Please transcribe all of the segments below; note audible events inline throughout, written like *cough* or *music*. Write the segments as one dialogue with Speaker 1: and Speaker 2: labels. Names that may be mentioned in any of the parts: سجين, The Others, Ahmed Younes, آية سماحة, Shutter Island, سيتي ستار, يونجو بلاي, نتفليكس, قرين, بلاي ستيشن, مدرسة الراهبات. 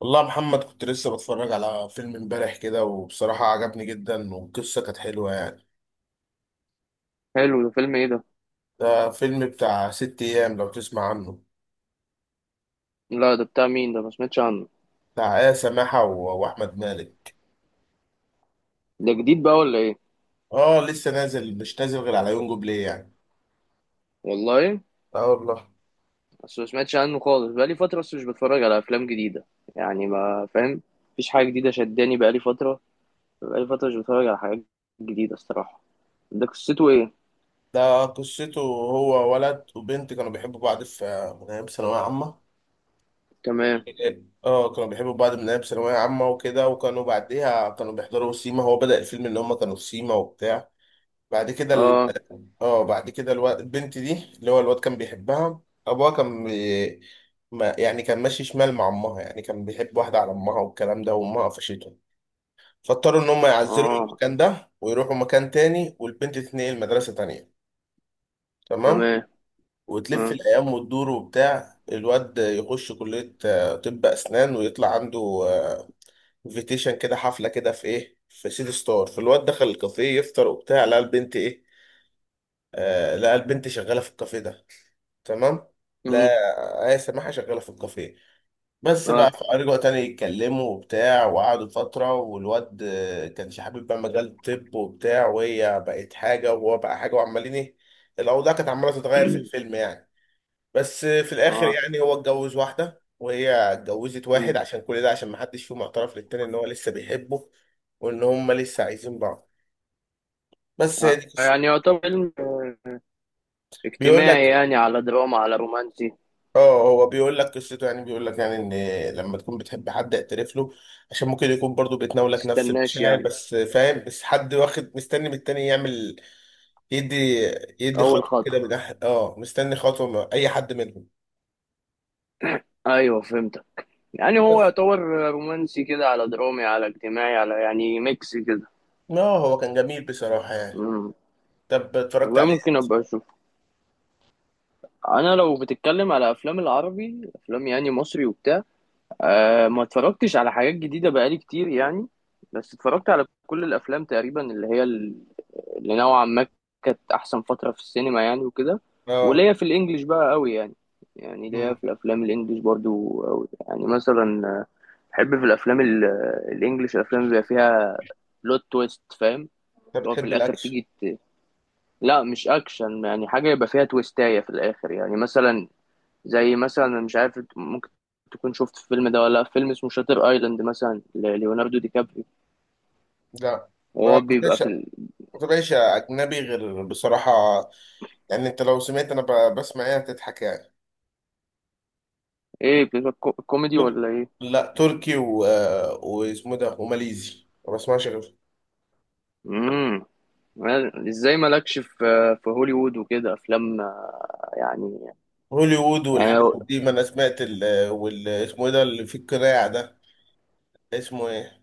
Speaker 1: والله يا محمد، كنت لسه بتفرج على فيلم امبارح كده وبصراحة عجبني جدا والقصة كانت حلوة يعني.
Speaker 2: حلو، ده فيلم ايه ده؟
Speaker 1: ده فيلم بتاع ست أيام، لو تسمع عنه.
Speaker 2: لا، ده بتاع مين ده؟ ما سمعتش عنه.
Speaker 1: بتاع آية سماحة و- وأحمد مالك.
Speaker 2: ده جديد بقى ولا ايه؟
Speaker 1: اه، لسه نازل، مش نازل غير على يونجو بلاي يعني.
Speaker 2: والله.
Speaker 1: اه والله.
Speaker 2: بس ما سمعتش عنه خالص، بقى لي فتره بس مش بتفرج على افلام جديده يعني، ما فاهم. مفيش حاجه جديده شداني بقى لي فتره. بقى لي فتره مش بتفرج على حاجات جديده الصراحه. ده قصته ايه؟
Speaker 1: ده قصته هو ولد وبنت كانوا بيحبوا بعض في من أيام ثانوية عامة.
Speaker 2: تمام.
Speaker 1: اه، كانوا بيحبوا بعض من أيام ثانوية عامة وكده، وكانوا بعديها كانوا بيحضروا سيما. هو بدأ الفيلم إن هما كانوا في سيما وبتاع. بعد كده،
Speaker 2: اه.
Speaker 1: اه بعد كده الواد البنت دي، اللي هو الواد كان بيحبها، ابوها كان بي... ما يعني كان ماشي شمال مع امها، يعني كان بيحب واحده على امها والكلام ده، وامها قفشته. فاضطروا ان هم يعزلوا
Speaker 2: اه.
Speaker 1: المكان ده ويروحوا مكان تاني، والبنت تتنقل مدرسه تانية. تمام.
Speaker 2: تمام.
Speaker 1: وتلف
Speaker 2: اه.
Speaker 1: الايام وتدور وبتاع، الواد يخش كليه، طب اسنان، ويطلع عنده انفيتيشن كده، حفله كده في ايه، في سيتي ستار. فالواد دخل الكافيه يفطر وبتاع، لقى البنت ايه، آه لقى البنت شغاله في الكافيه ده. تمام. لا،
Speaker 2: مم.
Speaker 1: آية سماحة شغالة في الكافيه. بس بقى،
Speaker 2: اه.
Speaker 1: فرجعوا تاني يتكلموا وبتاع وقعدوا فترة، والواد كانش حابب بقى مجال الطب وبتاع، وهي بقت حاجة وهو بقى حاجة وعمالين ايه. الأوضاع كانت عمالة تتغير في
Speaker 2: *clears throat*
Speaker 1: الفيلم يعني. بس في الآخر
Speaker 2: اه.
Speaker 1: يعني هو اتجوز واحدة وهي اتجوزت
Speaker 2: مم.
Speaker 1: واحد، عشان كل ده عشان محدش فيهم اعترف للتاني إن هو لسه بيحبه. وإن هما لسه عايزين بعض. بس هي دي قصة-.
Speaker 2: يعني يعتبر فيلم
Speaker 1: بيقول
Speaker 2: اجتماعي،
Speaker 1: لك،
Speaker 2: يعني على دراما على رومانسي، ما
Speaker 1: اه هو بيقول لك قصته، يعني بيقول لك يعني ان لما تكون بتحب حد اعترف له، عشان ممكن يكون برضو بتناولك نفس
Speaker 2: تستناش
Speaker 1: المشاعر
Speaker 2: يعني.
Speaker 1: بس، فاهم؟ بس حد واخد مستني من التاني يعمل يدي يدي
Speaker 2: اول
Speaker 1: خطوة كده
Speaker 2: خطوه.
Speaker 1: من مستني خطوة من اي حد منهم.
Speaker 2: ايوه، فهمت. يعني هو
Speaker 1: بس
Speaker 2: يعتبر رومانسي كده، على درامي على اجتماعي، على يعني ميكس كده.
Speaker 1: اه هو كان جميل بصراحة يعني.
Speaker 2: مم.
Speaker 1: طب اتفرجت
Speaker 2: والله
Speaker 1: عليه؟
Speaker 2: ممكن ابقى اشوف. انا لو بتتكلم على افلام، العربي افلام يعني مصري وبتاع، ما اتفرجتش على حاجات جديده بقالي كتير يعني. بس اتفرجت على كل الافلام تقريبا، اللي هي اللي نوعا ما كانت احسن فتره في السينما يعني وكده.
Speaker 1: اه.
Speaker 2: وليا في الانجليش بقى قوي يعني، يعني ليا
Speaker 1: امم
Speaker 2: في الافلام الانجليش برضو قوي، يعني مثلا بحب في الافلام الانجليش، الافلام اللي بيبقى فيها بلوت تويست، فاهم،
Speaker 1: انت
Speaker 2: اللي هو في
Speaker 1: بتحب
Speaker 2: الاخر
Speaker 1: الاكشن؟
Speaker 2: تيجي لا مش اكشن، يعني حاجه يبقى فيها تويستايه في الاخر، يعني مثلا، زي مثلا أنا مش عارف، ممكن تكون شفت الفيلم ده ولا لأ، فيلم اسمه شاتر ايلاند مثلا لليوناردو دي كابريو،
Speaker 1: لا، ما
Speaker 2: وهو بيبقى
Speaker 1: كنتش
Speaker 2: في
Speaker 1: ما كنتش اجنبي غير بصراحة. يعني انت لو سمعت انا بسمع ايه هتضحك يعني.
Speaker 2: ايه، بيبقى كوميدي ولا ايه؟
Speaker 1: لا تركي و... واسمه ده وماليزي، ما بسمعش غير.
Speaker 2: امم ازاي مالكش في هوليوود وكده افلام يعني،
Speaker 1: هوليوود
Speaker 2: يعني
Speaker 1: والحاجات دي، ما انا سمعت ال... وال... اسمه ايه ده اللي في القناع ده، اسمه ايه.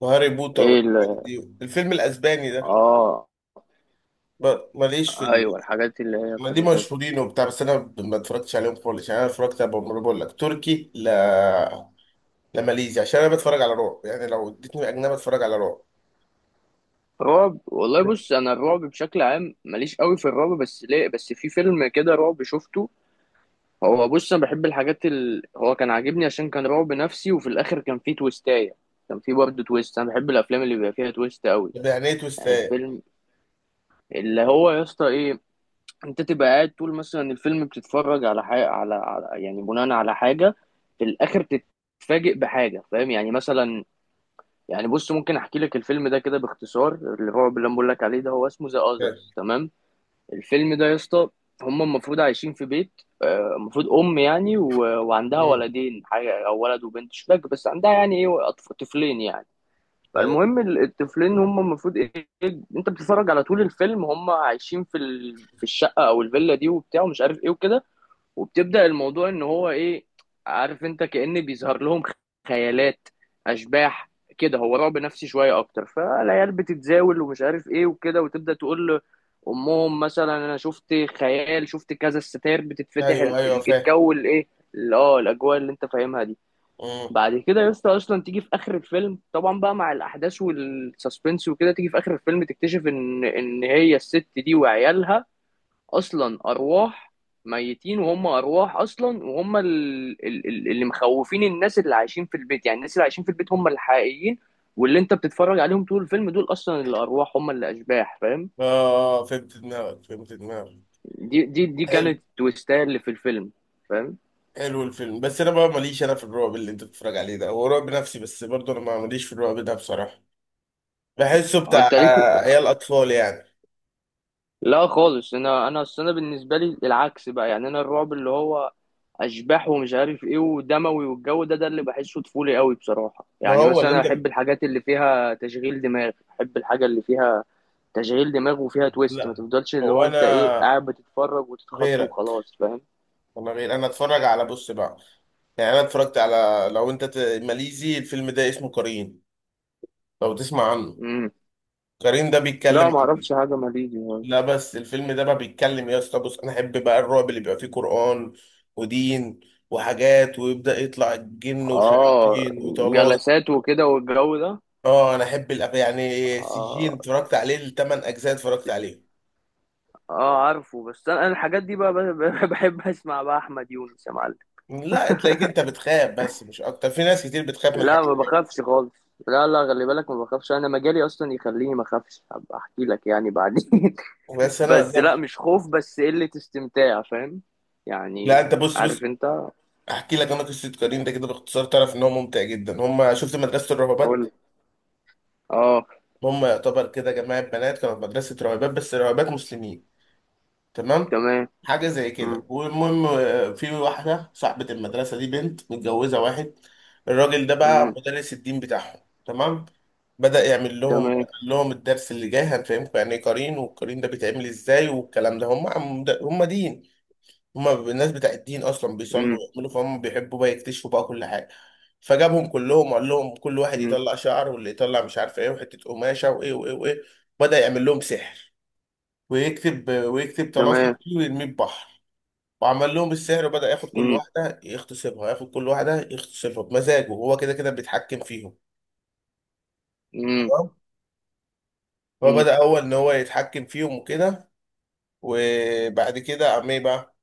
Speaker 1: وهاري بوتر
Speaker 2: ايه
Speaker 1: والحاجات دي، الفيلم الاسباني ده.
Speaker 2: اه،
Speaker 1: ماليش في ال...
Speaker 2: ايوه الحاجات اللي هي
Speaker 1: ما دي
Speaker 2: بتبقى كده.
Speaker 1: مشهورين وبتاع، بس انا ما اتفرجتش عليهم خالص يعني. انا اتفرجت على، بقول لك تركي لا، لا ماليزي، عشان انا بتفرج على رعب. يعني لو اديتني اجنبي اتفرج على رعب.
Speaker 2: رعب، والله بص، انا الرعب بشكل عام ماليش قوي في الرعب بس، ليه بس في فيلم كده رعب شفته. هو بص، انا بحب الحاجات هو كان عاجبني عشان كان رعب نفسي، وفي الاخر كان فيه تويستاية. كان فيه برضه تويست، انا بحب الافلام اللي بيبقى فيها تويست قوي.
Speaker 1: طب يعني ايه
Speaker 2: يعني
Speaker 1: تويستات؟
Speaker 2: الفيلم اللي هو، يا اسطى، ايه؟ انت تبقى قاعد طول مثلا الفيلم، بتتفرج على حاجه، على يعني بناء على حاجه، في الاخر تتفاجئ بحاجه، فاهم يعني، مثلا، يعني بص، ممكن احكي لك الفيلم ده كده باختصار، الرعب اللي انا بقول لك عليه ده، هو اسمه ذا
Speaker 1: فاهم.
Speaker 2: اذرز، تمام. الفيلم ده يا اسطى، هم المفروض عايشين في بيت، المفروض ام يعني و- وعندها
Speaker 1: مم.
Speaker 2: ولدين، حاجه او ولد وبنت مش فاكر، بس عندها يعني ايه طفلين يعني. فالمهم الطفلين هم المفروض ايه، إيه، انت بتتفرج على طول الفيلم هم عايشين في في الشقه او الفيلا دي وبتاع، ومش عارف ايه وكده، وبتبدأ الموضوع ان هو ايه، عارف انت، كأن بيظهر لهم خيالات، اشباح كده، هو رعب نفسي شويه اكتر، فالعيال بتتزاول ومش عارف ايه وكده، وتبدأ تقول لامهم مثلا انا شفت خيال، شفت كذا، الستاير بتتفتح،
Speaker 1: ايوه ايوه فاهم.
Speaker 2: الجو الايه. اه، الاجواء اللي انت فاهمها دي.
Speaker 1: مم.
Speaker 2: بعد كده يا اسطى، اصلا تيجي في اخر الفيلم طبعا بقى مع الاحداث والسسبنس وكده، تيجي في اخر الفيلم تكتشف ان هي الست دي وعيالها اصلا ارواح، ميتين وهم ارواح اصلا، وهم اللي مخوفين الناس اللي عايشين في البيت، يعني الناس اللي عايشين في البيت هم الحقيقيين، واللي انت بتتفرج عليهم طول الفيلم دول اصلا الارواح، هم اللي اشباح، فاهم.
Speaker 1: اه فهمت دماغك، فهمت دماغك.
Speaker 2: دي
Speaker 1: حلو.
Speaker 2: كانت التويستايه اللي في الفيلم، فاهم.
Speaker 1: حلو الفيلم. بس انا بقى ماليش انا في الرعب اللي انت بتتفرج عليه ده، هو رعب نفسي بس برضه انا ما ماليش في الرعب ده بصراحه. بحسه بتاع
Speaker 2: انت ليك.
Speaker 1: عيال اطفال يعني.
Speaker 2: لا خالص، انا اصل انا بالنسبه لي العكس بقى، يعني انا الرعب اللي هو اشباح ومش عارف ايه ودموي والجو ده اللي بحسه طفولي قوي بصراحه،
Speaker 1: ما
Speaker 2: يعني
Speaker 1: هو اللي
Speaker 2: مثلا
Speaker 1: انت ب...
Speaker 2: احب الحاجات اللي فيها تشغيل دماغ، احب الحاجه اللي فيها تشغيل دماغ وفيها تويست، ما
Speaker 1: لا،
Speaker 2: تفضلش اللي
Speaker 1: هو
Speaker 2: هو انت ايه
Speaker 1: انا
Speaker 2: قاعد بتتفرج وتتخض
Speaker 1: غيرك،
Speaker 2: وخلاص، فاهم.
Speaker 1: انا غير. انا اتفرج على، بص بقى، يعني انا اتفرجت على، لو انت ت... ماليزي، الفيلم ده اسمه قرين، لو تسمع عنه.
Speaker 2: امم
Speaker 1: قرين ده بيتكلم.
Speaker 2: لا ما اعرفش حاجه ماليزي يعني.
Speaker 1: لا بس الفيلم ده بقى بيتكلم إيه يا اسطى. بص، انا احب بقى الرعب اللي بيبقى فيه قرآن ودين وحاجات، ويبدأ يطلع الجن
Speaker 2: اه،
Speaker 1: وشياطين وطلاسم.
Speaker 2: جلسات وكده والجو ده.
Speaker 1: اه انا احب يعني سجين،
Speaker 2: اه،
Speaker 1: اتفرجت عليه الثمان اجزاء، اتفرجت عليه.
Speaker 2: اه عارفه، بس انا الحاجات دي بقى *laughs* بحب اسمع بقى احمد يونس يا معلم.
Speaker 1: لا، تلاقيك انت بتخاف بس مش اكتر، في ناس كتير بتخاف من
Speaker 2: لا ما
Speaker 1: الحاجات دي.
Speaker 2: بخافش خالص. لا، لا، خلي بالك ما بخافش، انا مجالي اصلا يخليني ما اخافش، هبقى احكي لك يعني بعدين *laughs*
Speaker 1: بس انا
Speaker 2: بس لا،
Speaker 1: لا.
Speaker 2: مش خوف بس قلة استمتاع، فاهم
Speaker 1: لا،
Speaker 2: يعني،
Speaker 1: انت بص بص.
Speaker 2: عارف انت.
Speaker 1: احكي لك انا قصه كريم ده كده باختصار، تعرف ان هو ممتع جدا. هم شفت مدرسه الراهبات،
Speaker 2: قول. اه.
Speaker 1: هم يعتبر كده جماعه بنات كانوا في مدرسه راهبات، بس راهبات مسلمين. تمام.
Speaker 2: تمام.
Speaker 1: حاجه زي
Speaker 2: مم.
Speaker 1: كده، والمهم في واحده صاحبه المدرسه دي بنت متجوزه واحد. الراجل ده بقى
Speaker 2: مم.
Speaker 1: مدرس الدين بتاعهم. تمام. بدأ يعمل لهم،
Speaker 2: تمام.
Speaker 1: قال لهم الدرس اللي جاي هنفهمكم يعني ايه قرين والقرين ده بيتعمل ازاي والكلام ده. هم دين، هم الناس بتاع الدين اصلا بيصلوا
Speaker 2: مم.
Speaker 1: ويعملوا، فهم بيحبوا بقى يكتشفوا بقى كل حاجه. فجابهم كلهم وقال لهم كل واحد
Speaker 2: مم.
Speaker 1: يطلع شعر، واللي يطلع مش عارف ايه وحته قماشه وايه وايه وايه. بدأ يعمل لهم سحر، ويكتب ويكتب طلاسم
Speaker 2: تمام.
Speaker 1: فيه ويرميه في بحر. وعمل لهم السحر، وبدأ ياخد كل
Speaker 2: مم.
Speaker 1: واحدة يغتصبها، ياخد كل واحدة يغتصبها بمزاجه هو كده، كده بيتحكم فيهم.
Speaker 2: مم.
Speaker 1: تمام.
Speaker 2: مم.
Speaker 1: فبدأ هو إن هو يتحكم فيهم وكده. وبعد كده قام إيه بقى،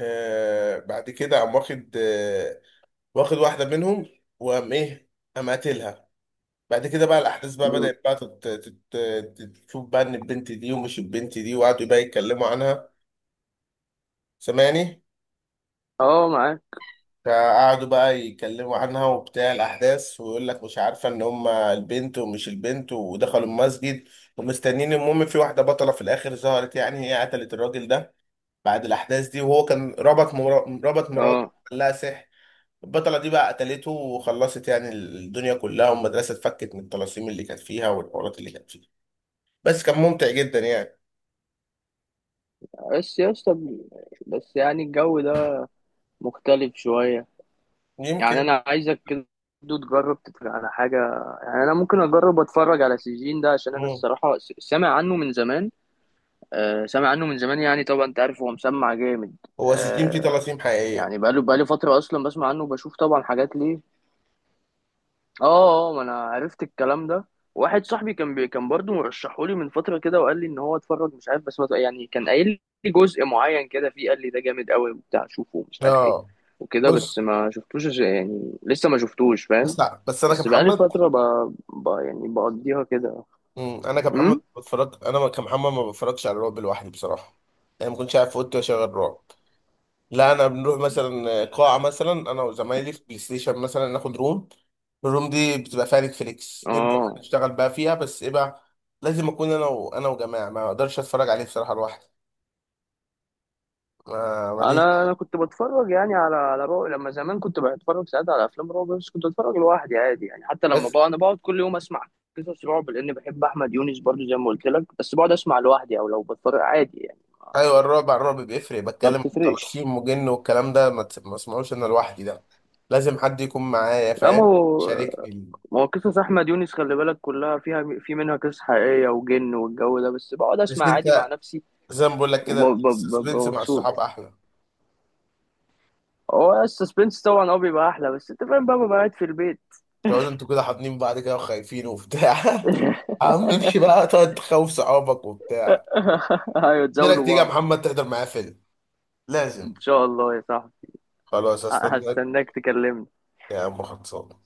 Speaker 1: آه بعد كده قام واخد واحدة منهم، وقام إيه، قام قاتلها. بعد كده بقى الأحداث بقى
Speaker 2: مم.
Speaker 1: بدأت بقى تشوف بقى إن البنت دي ومش البنت دي، وقعدوا بقى يتكلموا عنها. سامعني؟
Speaker 2: اه معاك.
Speaker 1: فقعدوا بقى يتكلموا عنها وبتاع الأحداث، ويقول لك مش عارفة إن هما البنت ومش البنت، ودخلوا المسجد ومستنيين. المهم في واحدة بطلة في الآخر ظهرت، يعني هي قتلت الراجل ده بعد الأحداث دي، وهو كان ربط مراته
Speaker 2: اه.
Speaker 1: قال لها سحر. البطلة دي بقى قتلته وخلصت يعني الدنيا كلها، والمدرسة اتفكت من الطلاسيم اللي كانت فيها والحوارات اللي كانت فيها. بس كان ممتع جدا يعني.
Speaker 2: بس يا اسطى، بس يعني الجو ده مختلف شوية، يعني
Speaker 1: يمكن.
Speaker 2: انا عايزك كده تجرب تتفرج على حاجة. يعني انا ممكن اجرب اتفرج على سجين ده، عشان انا
Speaker 1: مم.
Speaker 2: الصراحة سامع عنه من زمان. آه، سامع عنه من زمان، يعني طبعا انت عارف هو مسمع جامد.
Speaker 1: هو سجين فيه
Speaker 2: آه،
Speaker 1: طلاسيم حقيقية.
Speaker 2: يعني بقاله فترة اصلا بسمع عنه، وبشوف طبعا حاجات ليه. اه. اه، ما انا عرفت الكلام ده. واحد صاحبي كان برضه مرشحولي من فتره كده، وقال لي ان هو اتفرج مش عارف، بس ما ت- يعني كان قايل لي جزء معين كده فيه، قال لي ده جامد قوي وبتاع، شوفه ومش عارف ايه
Speaker 1: اه.
Speaker 2: وكده، بس
Speaker 1: بص،
Speaker 2: ما شفتوش يعني لسه ما شفتوش،
Speaker 1: بس
Speaker 2: فاهم.
Speaker 1: لا، بس انا
Speaker 2: بس بقالي
Speaker 1: كمحمد.
Speaker 2: فتره يعني بقضيها كده.
Speaker 1: مم.
Speaker 2: امم
Speaker 1: انا كمحمد ما بتفرجش على الرعب لوحدي بصراحه. يعني ما كنتش قاعد في اوضتي واشغل رعب. لا انا بنروح مثلا قاعه، مثلا انا وزمايلي في بلاي ستيشن مثلا ناخد روم، الروم دي بتبقى فيها نتفليكس، نبدا بقى
Speaker 2: اه،
Speaker 1: نشتغل بقى فيها. بس ايه بقى، لازم اكون انا وجماعه، ما اقدرش اتفرج عليه بصراحه لوحدي. ما
Speaker 2: انا
Speaker 1: ماليش
Speaker 2: انا كنت بتفرج يعني على رعب، لما زمان كنت بتفرج ساعات على افلام رعب، بس كنت بتفرج لوحدي عادي، يعني حتى لما
Speaker 1: بس
Speaker 2: بقى انا بقعد كل يوم اسمع قصص رعب لان بحب احمد يونس برضو زي ما قلت لك، بس بقعد اسمع لوحدي او لو بتفرج عادي يعني.
Speaker 1: ايوه، الرعب على الرعب بيفرق.
Speaker 2: ما
Speaker 1: بتكلم في
Speaker 2: بتفرقش.
Speaker 1: طلاسيم وجن والكلام ده، ما اسمعوش انا لوحدي ده. لازم حد يكون معايا،
Speaker 2: لا،
Speaker 1: فاهم؟
Speaker 2: ما هو
Speaker 1: شاركني.
Speaker 2: ما هو قصص احمد يونس خلي بالك كلها في منها قصص حقيقيه وجن والجو ده، بس بقعد
Speaker 1: بس
Speaker 2: اسمع عادي مع
Speaker 1: انت
Speaker 2: نفسي،
Speaker 1: زي ما بقول لك كده،
Speaker 2: وببقى
Speaker 1: السسبنس مع
Speaker 2: مبسوط.
Speaker 1: الصحاب احلى.
Speaker 2: هو السسبنس طبعا اه بيبقى احلى، بس انت فاهم بقى، ببقى قاعد في البيت.
Speaker 1: تقعدوا انتوا كده حاضنين بعض كده وخايفين وبتاع *laughs* عم امشي
Speaker 2: *laughs*
Speaker 1: بقى تقعد تخوف صحابك وبتاع.
Speaker 2: ايوه،
Speaker 1: لك
Speaker 2: تزاولوا
Speaker 1: تيجي يا
Speaker 2: بعض.
Speaker 1: محمد تحضر معايا فيلم.
Speaker 2: ان
Speaker 1: لازم.
Speaker 2: شاء الله يا صاحبي.
Speaker 1: خلاص استناك.
Speaker 2: هستناك تكلمني.
Speaker 1: يا عم خلصان.